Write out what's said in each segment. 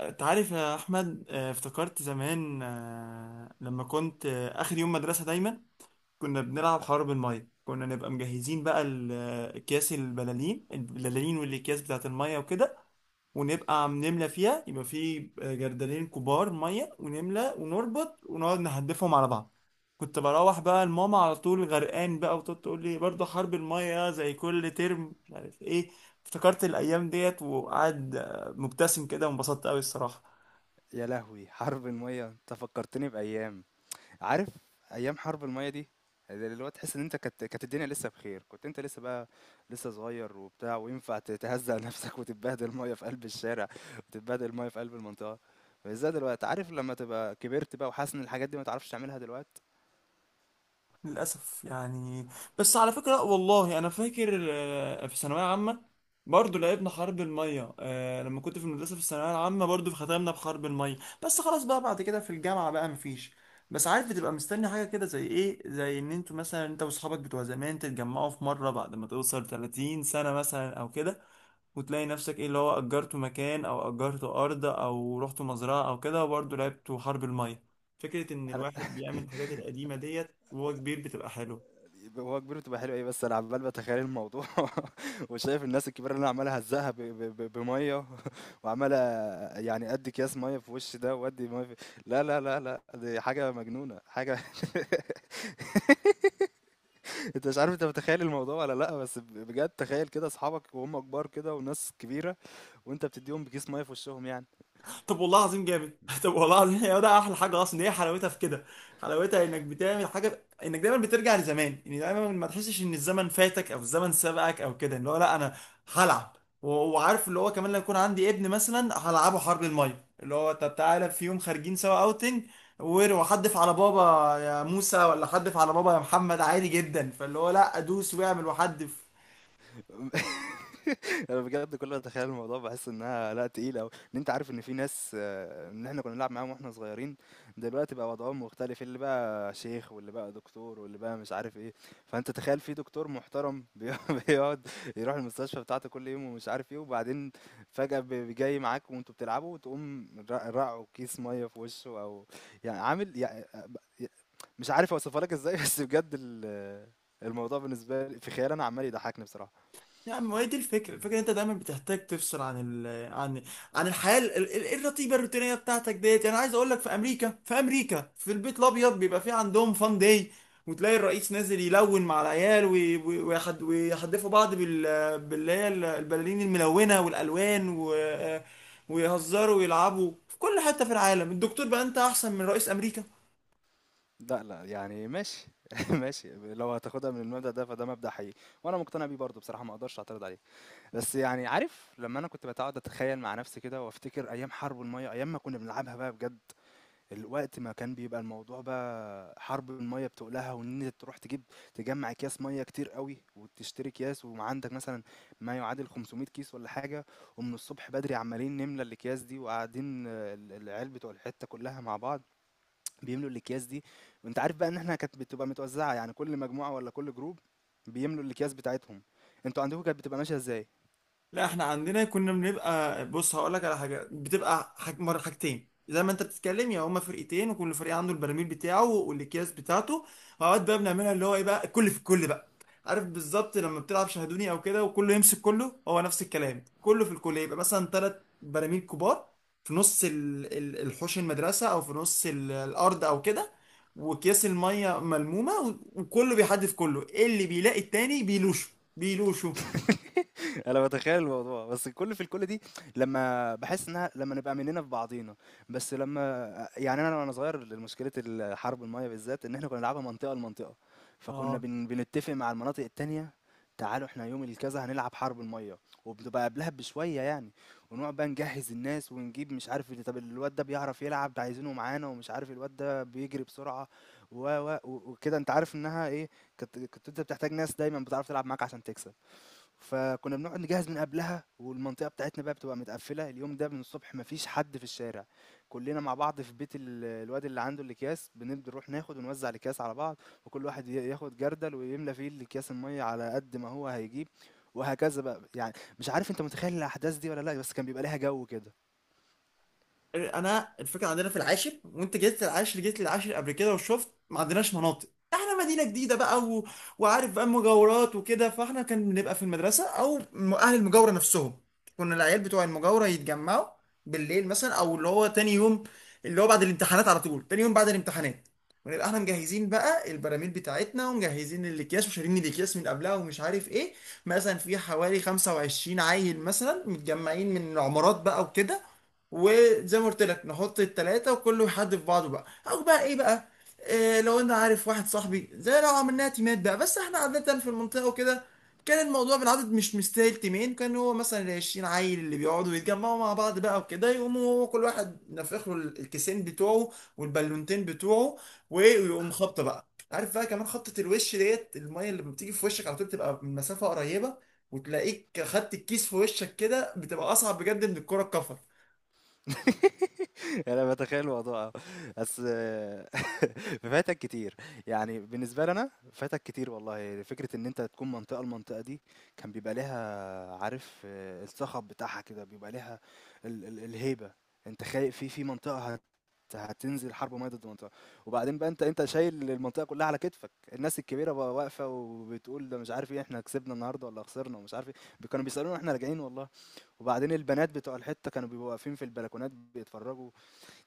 انت عارف يا احمد، افتكرت زمان، آه، لما كنت آه، اخر يوم مدرسه دايما كنا بنلعب حرب الميه. كنا نبقى مجهزين بقى اكياس البلالين والاكياس بتاعت الميه وكده، ونبقى عم نملى فيها. يبقى في جردلين كبار ميه ونملى ونربط ونقعد نهدفهم على بعض. كنت بروح بقى لماما على طول غرقان بقى، وتقعد تقول لي برضه حرب الميه زي كل ترم مش عارف ايه. افتكرت الايام ديت وقعد مبتسم كده وانبسطت قوي الصراحه. يا لهوي حرب المية انت فكرتني بأيام. عارف، أيام حرب المية دي، اللي هو تحس ان انت كانت الدنيا لسه بخير. كنت انت لسه بقى لسه صغير وبتاع، وينفع تهزق نفسك وتتبهدل ميه في قلب الشارع وتتبهدل ميه في قلب المنطقه. مش زي دلوقتي، عارف، لما تبقى كبرت بقى وحاسس ان الحاجات دي ما تعرفش تعملها دلوقتي. للأسف يعني. بس على فكرة لأ والله أنا فاكر، في ثانوية عامة برضه لعبنا حرب المية. لما كنت في المدرسة في الثانوية العامة برضه ختمنا بحرب المية. بس خلاص بقى بعد كده في الجامعة بقى مفيش. بس عارف بتبقى مستني حاجة كده، زي إيه، زي إن أنتوا مثلا أنت وأصحابك بتوع زمان تتجمعوا في مرة بعد ما توصل 30 سنة مثلا أو كده، وتلاقي نفسك ايه، اللي هو اجرته مكان او اجرته ارض او رحت مزرعه او كده وبرضه لعبته حرب الميه. فكره ان الواحد بيعمل الحاجات القديمه ديت وهو كبير بتبقى حلوه. يبقى هو كبير بتبقى حلوة إيه، بس أنا عمّال باتخيّل الموضوع وشايف الناس الكبيرة اللي أنا عمّال أهزّقها ب ب ب بمَيّة. وعمّال يعني أدّي أكياس مَيّة في وِش ده وأدّي مَيّة في، لا، لا، لا، لأ، دي حاجة مجنونة، حاجة. أنت مش عارف، أنت متخيّل الموضوع والّا لأ؟ بس بجد تخيّل كده أصحابك وهُم كبار كده وناس كبيرة، وأنت بتدّيهم بكيس مَيّة في وشّهم يعني. طب والله العظيم جامد. طب والله العظيم هي ده احلى حاجه اصلا، هي حلاوتها في كده. حلاوتها انك بتعمل حاجه، انك دايما بترجع لزمان. يعني دايما ما تحسش ان الزمن فاتك او الزمن سبقك او كده، اللي هو لا انا هلعب. وعارف اللي هو كمان لو يكون عندي ابن مثلا هلعبه حرب الميه، اللي هو طب تعالى في يوم خارجين سوا اوتنج، وحدف على بابا يا موسى ولا حدف على بابا يا محمد عادي جدا، فاللي هو لا ادوس واعمل وحدف. انا بجد كل ما اتخيل الموضوع بحس انها لا تقيله أوي. ان انت عارف ان في ناس، ان احنا كنا بنلعب معاهم واحنا صغيرين، دلوقتي بقى وضعهم مختلف. اللي بقى شيخ، واللي بقى دكتور، واللي بقى مش عارف ايه. فانت تخيل في دكتور محترم بيقعد يروح المستشفى بتاعته كل يوم ومش عارف ايه، وبعدين فجأة جاي معاك وانتوا بتلعبوا، وتقوم رقعه كيس ميه في وشه، او يعني عامل يعني مش عارف اوصفها لك ازاي. بس بجد الموضوع بالنسبه لي في خيالي انا عمال يضحكني بصراحه. يا عم، ما هي دي الفكرة. الفكرة إن انت دايما بتحتاج تفصل عن ال عن عن الحياة الرتيبة الروتينية بتاعتك ديت. يعني عايز اقول لك، في امريكا، في البيت الابيض بيبقى في عندهم فان داي، وتلاقي الرئيس نازل يلون مع العيال، ويحدفوا بعض باللي هي البلالين الملونة والالوان ويهزروا ويلعبوا. في كل حتة في العالم الدكتور بقى انت احسن من رئيس امريكا. لأ، لأ، يعني ماشي، ماشي، لو هتاخدها من المبدأ ده فده مبدأ حقيقي، وأنا مقتنع بيه برضه بصراحة، ما اقدرش اعترض عليه. بس يعني عارف، لمّا أنا كنت باقعد أتخيل مع نفسي كده وافتكر أيام حرب المَيّة، أيام ما كنا بنلعبها بقى بجد، ال وقت ما كان بيبقى الموضوع بقى حرب المَيّة بتُقلها، وإن أنت تروح تجيب، تجمّع أكياس مَيّة كتير أوي وتشتري أكياس، وعندك مثلًا ما يعادل 500 كيس والّا حاجة، ومن الصبح بدري عمّالين نملى الأكياس دي، وقاعدين ال العيال بتوع الحتة كلها مع بعض بيملوا الأكياس دي. وأنت عارف بقى إن إحنا كانت بتبقى متوزعة، يعني كل مجموعة ولا كل جروب بيملوا الأكياس بتاعتهم. أنتوا عندكم كانت بتبقى ماشية إزاي؟ لا احنا عندنا كنا بنبقى. بص هقول لك على حاجه، بتبقى حاجتين. زي ما انت بتتكلم، يا هما فرقتين، وكل فريق عنده البراميل بتاعه والاكياس بتاعته. اوقات بقى بنعملها اللي هو ايه بقى، الكل في الكل بقى. عارف بالظبط لما بتلعب شاهدوني او كده، وكله يمسك كله، هو نفس الكلام، كله في الكل. يبقى مثلا ثلاث براميل كبار في نص الحوش المدرسه او في نص الارض او كده، واكياس الميه ملمومه وكله بيحدف كله. إيه اللي بيلاقي التاني بيلوشه، بيلوشه. انا بتخيل الموضوع، بس الكل في الكل دي لما بحس انها لما نبقى مننا في بعضينا، بس لما، يعني انا وانا صغير مشكله الحرب الميه بالذات ان احنا كنا بنلعبها منطقه لمنطقه. فكنا بنتفق مع المناطق التانية، تعالوا احنا يوم الكذا هنلعب حرب الميه. وبتبقى قبلها بشويه يعني، ونقعد بقى نجهز الناس ونجيب مش عارف طب الواد ده بيعرف يلعب، ده عايزينه معانا، ومش عارف الواد ده بيجري بسرعه، و و و- وكده انت عارف انها ايه. كنت انت بتحتاج ناس دايما بتعرف تلعب معاك عشان تكسب. فكنا بنقعد نجهز من قبلها، والمنطقة بتاعتنا بقى بتبقى متقفلة اليوم ده من الصبح، مفيش حد في الشارع، كلنا مع بعض في بيت الواد اللي عنده الأكياس. بنبدأ نروح ناخد ونوزع الأكياس على بعض، وكل واحد ياخد جردل ويملى فيه الأكياس المية على قد ما هو هيجيب، وهكذا بقى يعني. مش عارف انت متخيل الأحداث دي ولا لا، بس كان بيبقى ليها جو كده. انا الفكره عندنا في العاشر، وانت جيت للعاشر. جيت للعاشر قبل كده وشفت ما عندناش مناطق. احنا مدينه جديده بقى، و... وعارف بقى مجاورات وكده. فاحنا كان بنبقى في المدرسه او اهل المجاوره نفسهم. كنا العيال بتوع المجاوره يتجمعوا بالليل مثلا، او اللي هو تاني يوم، اللي هو بعد الامتحانات على طول تاني يوم بعد الامتحانات. ونبقى احنا مجهزين بقى البراميل بتاعتنا، ومجهزين الاكياس وشارين الاكياس من قبلها ومش عارف ايه. مثلا في حوالي 25 عيل مثلا متجمعين من عمارات بقى وكده. وزي ما قلت لك نحط التلاتة وكله يحدف في بعضه بقى، او بقى ايه بقى. إيه، لو انا عارف واحد صاحبي، زي لو عملناها تيمات بقى، بس احنا عادة في المنطقة وكده كان الموضوع بالعدد مش مستاهل تيمين. كان هو مثلا العشرين عيل اللي بيقعدوا يتجمعوا مع بعض بقى وكده، يقوموا هو كل واحد نفخ له الكيسين بتوعه والبالونتين بتوعه وإيه، ويقوم خبطة بقى. عارف بقى، كمان خبطة الوش ديت، المية اللي بتيجي في وشك على طول بتبقى من مسافة قريبة. وتلاقيك خدت الكيس في وشك كده، بتبقى أصعب بجد من الكرة الكفر. أنا باتخيل الموضوع آه. بس آه، فاتك كتير. يعني بالنسبة لي أنا، فاتك كتير والله. فكرة إن أنت تكون منطقة لمنطقة دي كان بيبقى ليها عارف آه، الصخب بتاعها كده، بيبقى ليها ال الهيبة. أنت خاي في في منطقة هتنزل حرب مَيّة ضد منطقة. وبعدين بقى أنت شايل المنطقة كلها على كتفك. الناس الكبيرة بقى واقفة وبتقول ده مش عارف إيه، إحنا كسبنا النهارده والّا خسرنا ومش عارف إيه. كانوا بيسألونا وإحنا راجعين والله. وبعدين البنات بتوع الحتة كانوا بيبقوا واقفين في البلكونات بيتفرجوا.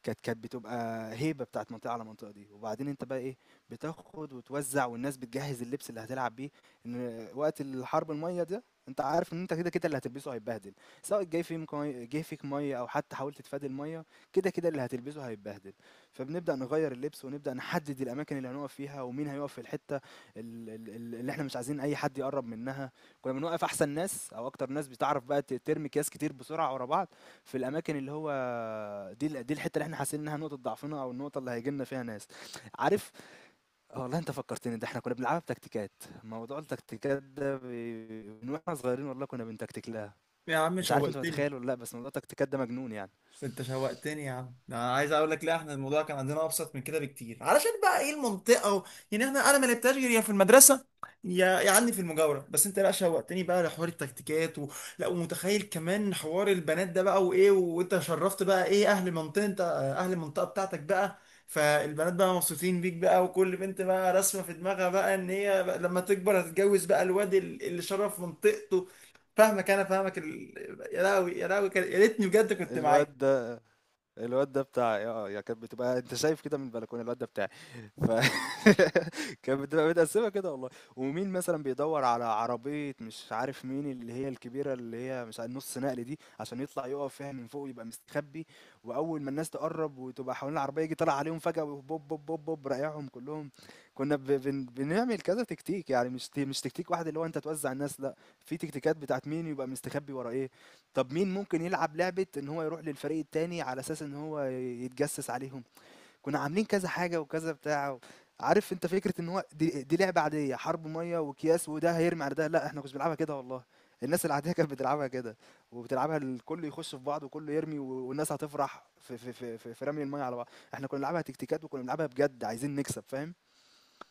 كانت بتبقى هيبه بتاعت منطقه على منطقه دي. وبعدين انت بقى ايه، بتاخد وتوزع، والناس بتجهز اللبس اللي هتلعب بيه. ان وقت الحرب الميه ده انت عارف ان انت كده كده اللي هتلبسه هيتبهدل، سواء جه فيك ميه او حتى حاولت تتفادى الميه، كده كده اللي هتلبسه هيتبهدل. فبنبدا نغير اللبس ونبدا نحدد الاماكن اللي هنقف فيها، ومين هيقف في الحته اللي احنا مش عايزين اي حد يقرب منها. كنا بنوقف احسن ناس او اكتر ناس بتعرف بقى ترمي اكياس كتير بسرعه ورا بعض في الاماكن اللي هو دي، دي الحته اللي احنا حاسين انها نقطه ضعفنا او النقطه اللي هيجي لنا فيها ناس، عارف. آه والله انت فكرتني، ده احنا كنا بنلعبها بتكتيكات. موضوع التكتيكات ده من واحنا صغيرين والله كنا بنتكتك لها. يا عم مش عارف انت شوقتني. متخيل ولا لا، بس موضوع التكتيكات ده مجنون يعني. انت شوقتني يا عم. انا عايز اقول لك، لا احنا الموضوع كان عندنا ابسط من كده بكتير، علشان بقى ايه، المنطقه و... يعني احنا، انا ما لعبتهاش غير يا في المدرسه، يا عني في المجاوره. بس انت لا شوقتني بقى لحوار التكتيكات و... لا، ومتخيل كمان حوار البنات ده بقى، وايه، وانت شرفت بقى ايه اهل المنطقه، انت اهل المنطقه بتاعتك بقى. فالبنات بقى مبسوطين بيك بقى، وكل بنت بقى راسمه في دماغها بقى ان هي بقى لما تكبر هتتجوز بقى الواد اللي شرف منطقته. فاهمك، انا فاهمك ال... يا راوي يا راوي، يا ريتني بجد كنت معاك. الواد الواد ده بتاع آه، آه، يعني كانت بتبقى انت شايف كده من البلكونه، الواد ده بتاعي. ف كانت بتبقى متقسمه كده والله. ومين مثلا بيدور على عربيه، مش عارف مين، اللي هي الكبيره اللي هي مش عارف، نص نقل دي، عشان يطلع يقف فيها من فوق يبقى مستخبي، واول ما الناس تقرب وتبقى حوالين العربيه يجي طالع عليهم فجاه، بوب بوب بوب بوب، رايعهم كلهم. كنا بنعمل كذا تكتيك، يعني مش تكتيك واحد اللي هو انت توزع الناس، لا، في تكتيكات بتاعت مين يبقى مستخبي ورا ايه. طب مين ممكن يلعب لعبة إن هو يروح للفريق التاني على أساس إن هو يتجسس عليهم؟ كنا عاملين كذا حاجة وكذا بتاع. و... عارف أنت فكرة إن هو دي لعبة عادية، حرب مية وأكياس وده هيرمي على ده، لا، إحنا كنا بنلعبها كده والله. الناس العادية كانت بتلعبها كده، وبتلعبها الكل يخش في بعض وكله يرمي، والناس هتفرح في رمي المية على بعض. احنا كنا بنلعبها تكتيكات، وكنا بنلعبها بجد عايزين نكسب، فاهم؟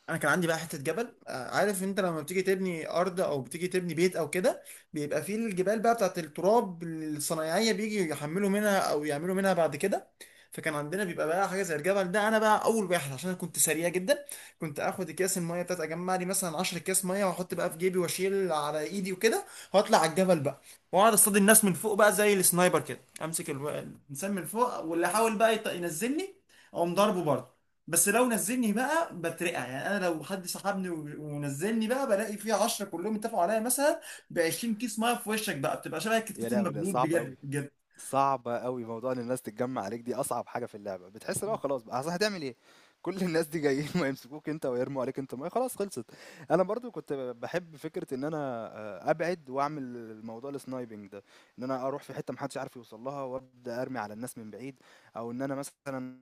انا كان عندي بقى حته جبل. عارف انت لما بتيجي تبني ارض او بتيجي تبني بيت او كده، بيبقى فيه الجبال بقى بتاعت التراب، الصنايعيه بيجي يحملوا منها او يعملوا منها بعد كده. فكان عندنا بيبقى بقى حاجه زي الجبل ده. انا بقى اول واحد، عشان انا كنت سريع جدا، كنت اخد اكياس الميه بتاعت، اجمع لي مثلا 10 اكياس ميه واحط بقى في جيبي واشيل على ايدي وكده، واطلع على الجبل بقى. واقعد اصطاد الناس من فوق بقى زي السنايبر كده، امسك الانسان من فوق، واللي يحاول بقى ينزلني اقوم ضربه برضه. بس لو نزلني بقى بترقع، يعني انا لو حد سحبني ونزلني بقى، بلاقي فيه 10 كلهم اتفقوا عليا مثلا، ب 20 كيس ميه في وشك بقى، بتبقى شبه يا الكتكوت لهوي ده المبلول صعب بجد أوي. بجد. صعبة أوي موضوع إن الناس تتجمّع عليك دي، أصعب حاجة في اللعبة. بتحس إن هو خلاص بقى، أصل هتعمل إيه؟ كل الناس دي جايين وهيمسكوك أنت ويرموا عليك أنت مَيّة، خلاص خلصت. أنا برضه كنت باحب فكرة إن أنا أبعد وأعمل الموضوع الsniping ده، إن أنا أروح في حتة ما حدش عارف يوصل لها وأبدأ أرمي على الناس من بعيد، أو إن أنا مثلًا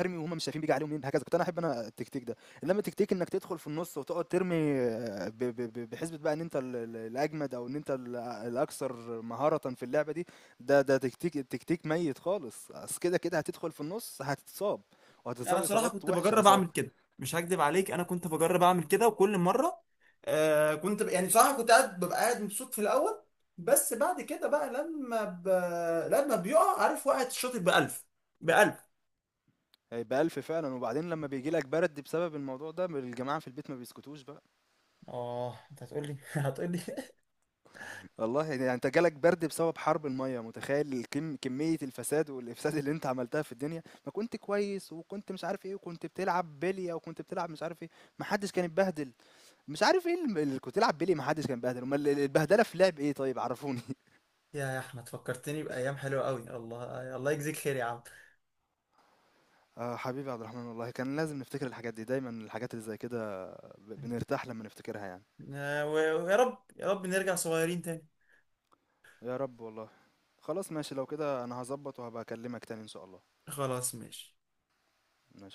أرمي وهُم مش شايفين بييجي عليهم مين، هكذا. كنت أنا أحب أنا التكتيك ده. إنما تكتيك إنك تدخل في النُص وتقعد ترمي، ب ب ب بحسبة بقى إن أنت ال الأجمد أو إن أنت ال الأكثر مهارةً في اللعبة دي، ده ده تكتيك ميت خالص. أصل كده، كده هتدخل في النُص هتتصاب، انا وهتتصاب بصراحه إصابات كنت وِحشة، بجرب إصابة. اعمل كده. مش هكدب عليك، انا كنت بجرب اعمل كده وكل مره. يعني بصراحه كنت قاعد، ببقى قاعد مبسوط في الاول، بس بعد كده بقى لما بيقع، عارف، وقعت الشاطئ ب 1000، ب 1000. هيبقى ألْف فعلًا. وبعدين لمّا بييجي لك برد بسبب الموضوع ده، الجماعة في البيت ما بيسكتوش بقى. اه انت هتقول لي. والله يعني انت جالك برد بسبب حرب المية، متخيل الكم كمية الفساد والإفساد اللي انت عملتها في الدنيا؟ ما كنت كويس وكنت مش عارف ايه، وكنت بتلعب بلية وكنت بتلعب مش عارف ايه، ما حدش كان اتبهدل. مش عارف ايه اللي كنت تلعب بلية ما حدش كان اتبهدل، امال البهدلة في لعب ايه طيب؟ عرفوني. يا احمد فكرتني بايام حلوه قوي. الله، الله يجزيك خير يا عم. اه حبيبي عبد الرحمن، والله كان لازم نفتكر الحاجات دي دايما، الحاجات اللي زي كده بنرتاح لما نفتكرها يعني. ويا رب، يا رب نرجع صغيرين تاني. يا رب والله. خلاص ماشي، لو كده انا هظبط وهبقى اكلمك تاني ان شاء الله. خلاص ماشي. ماشي.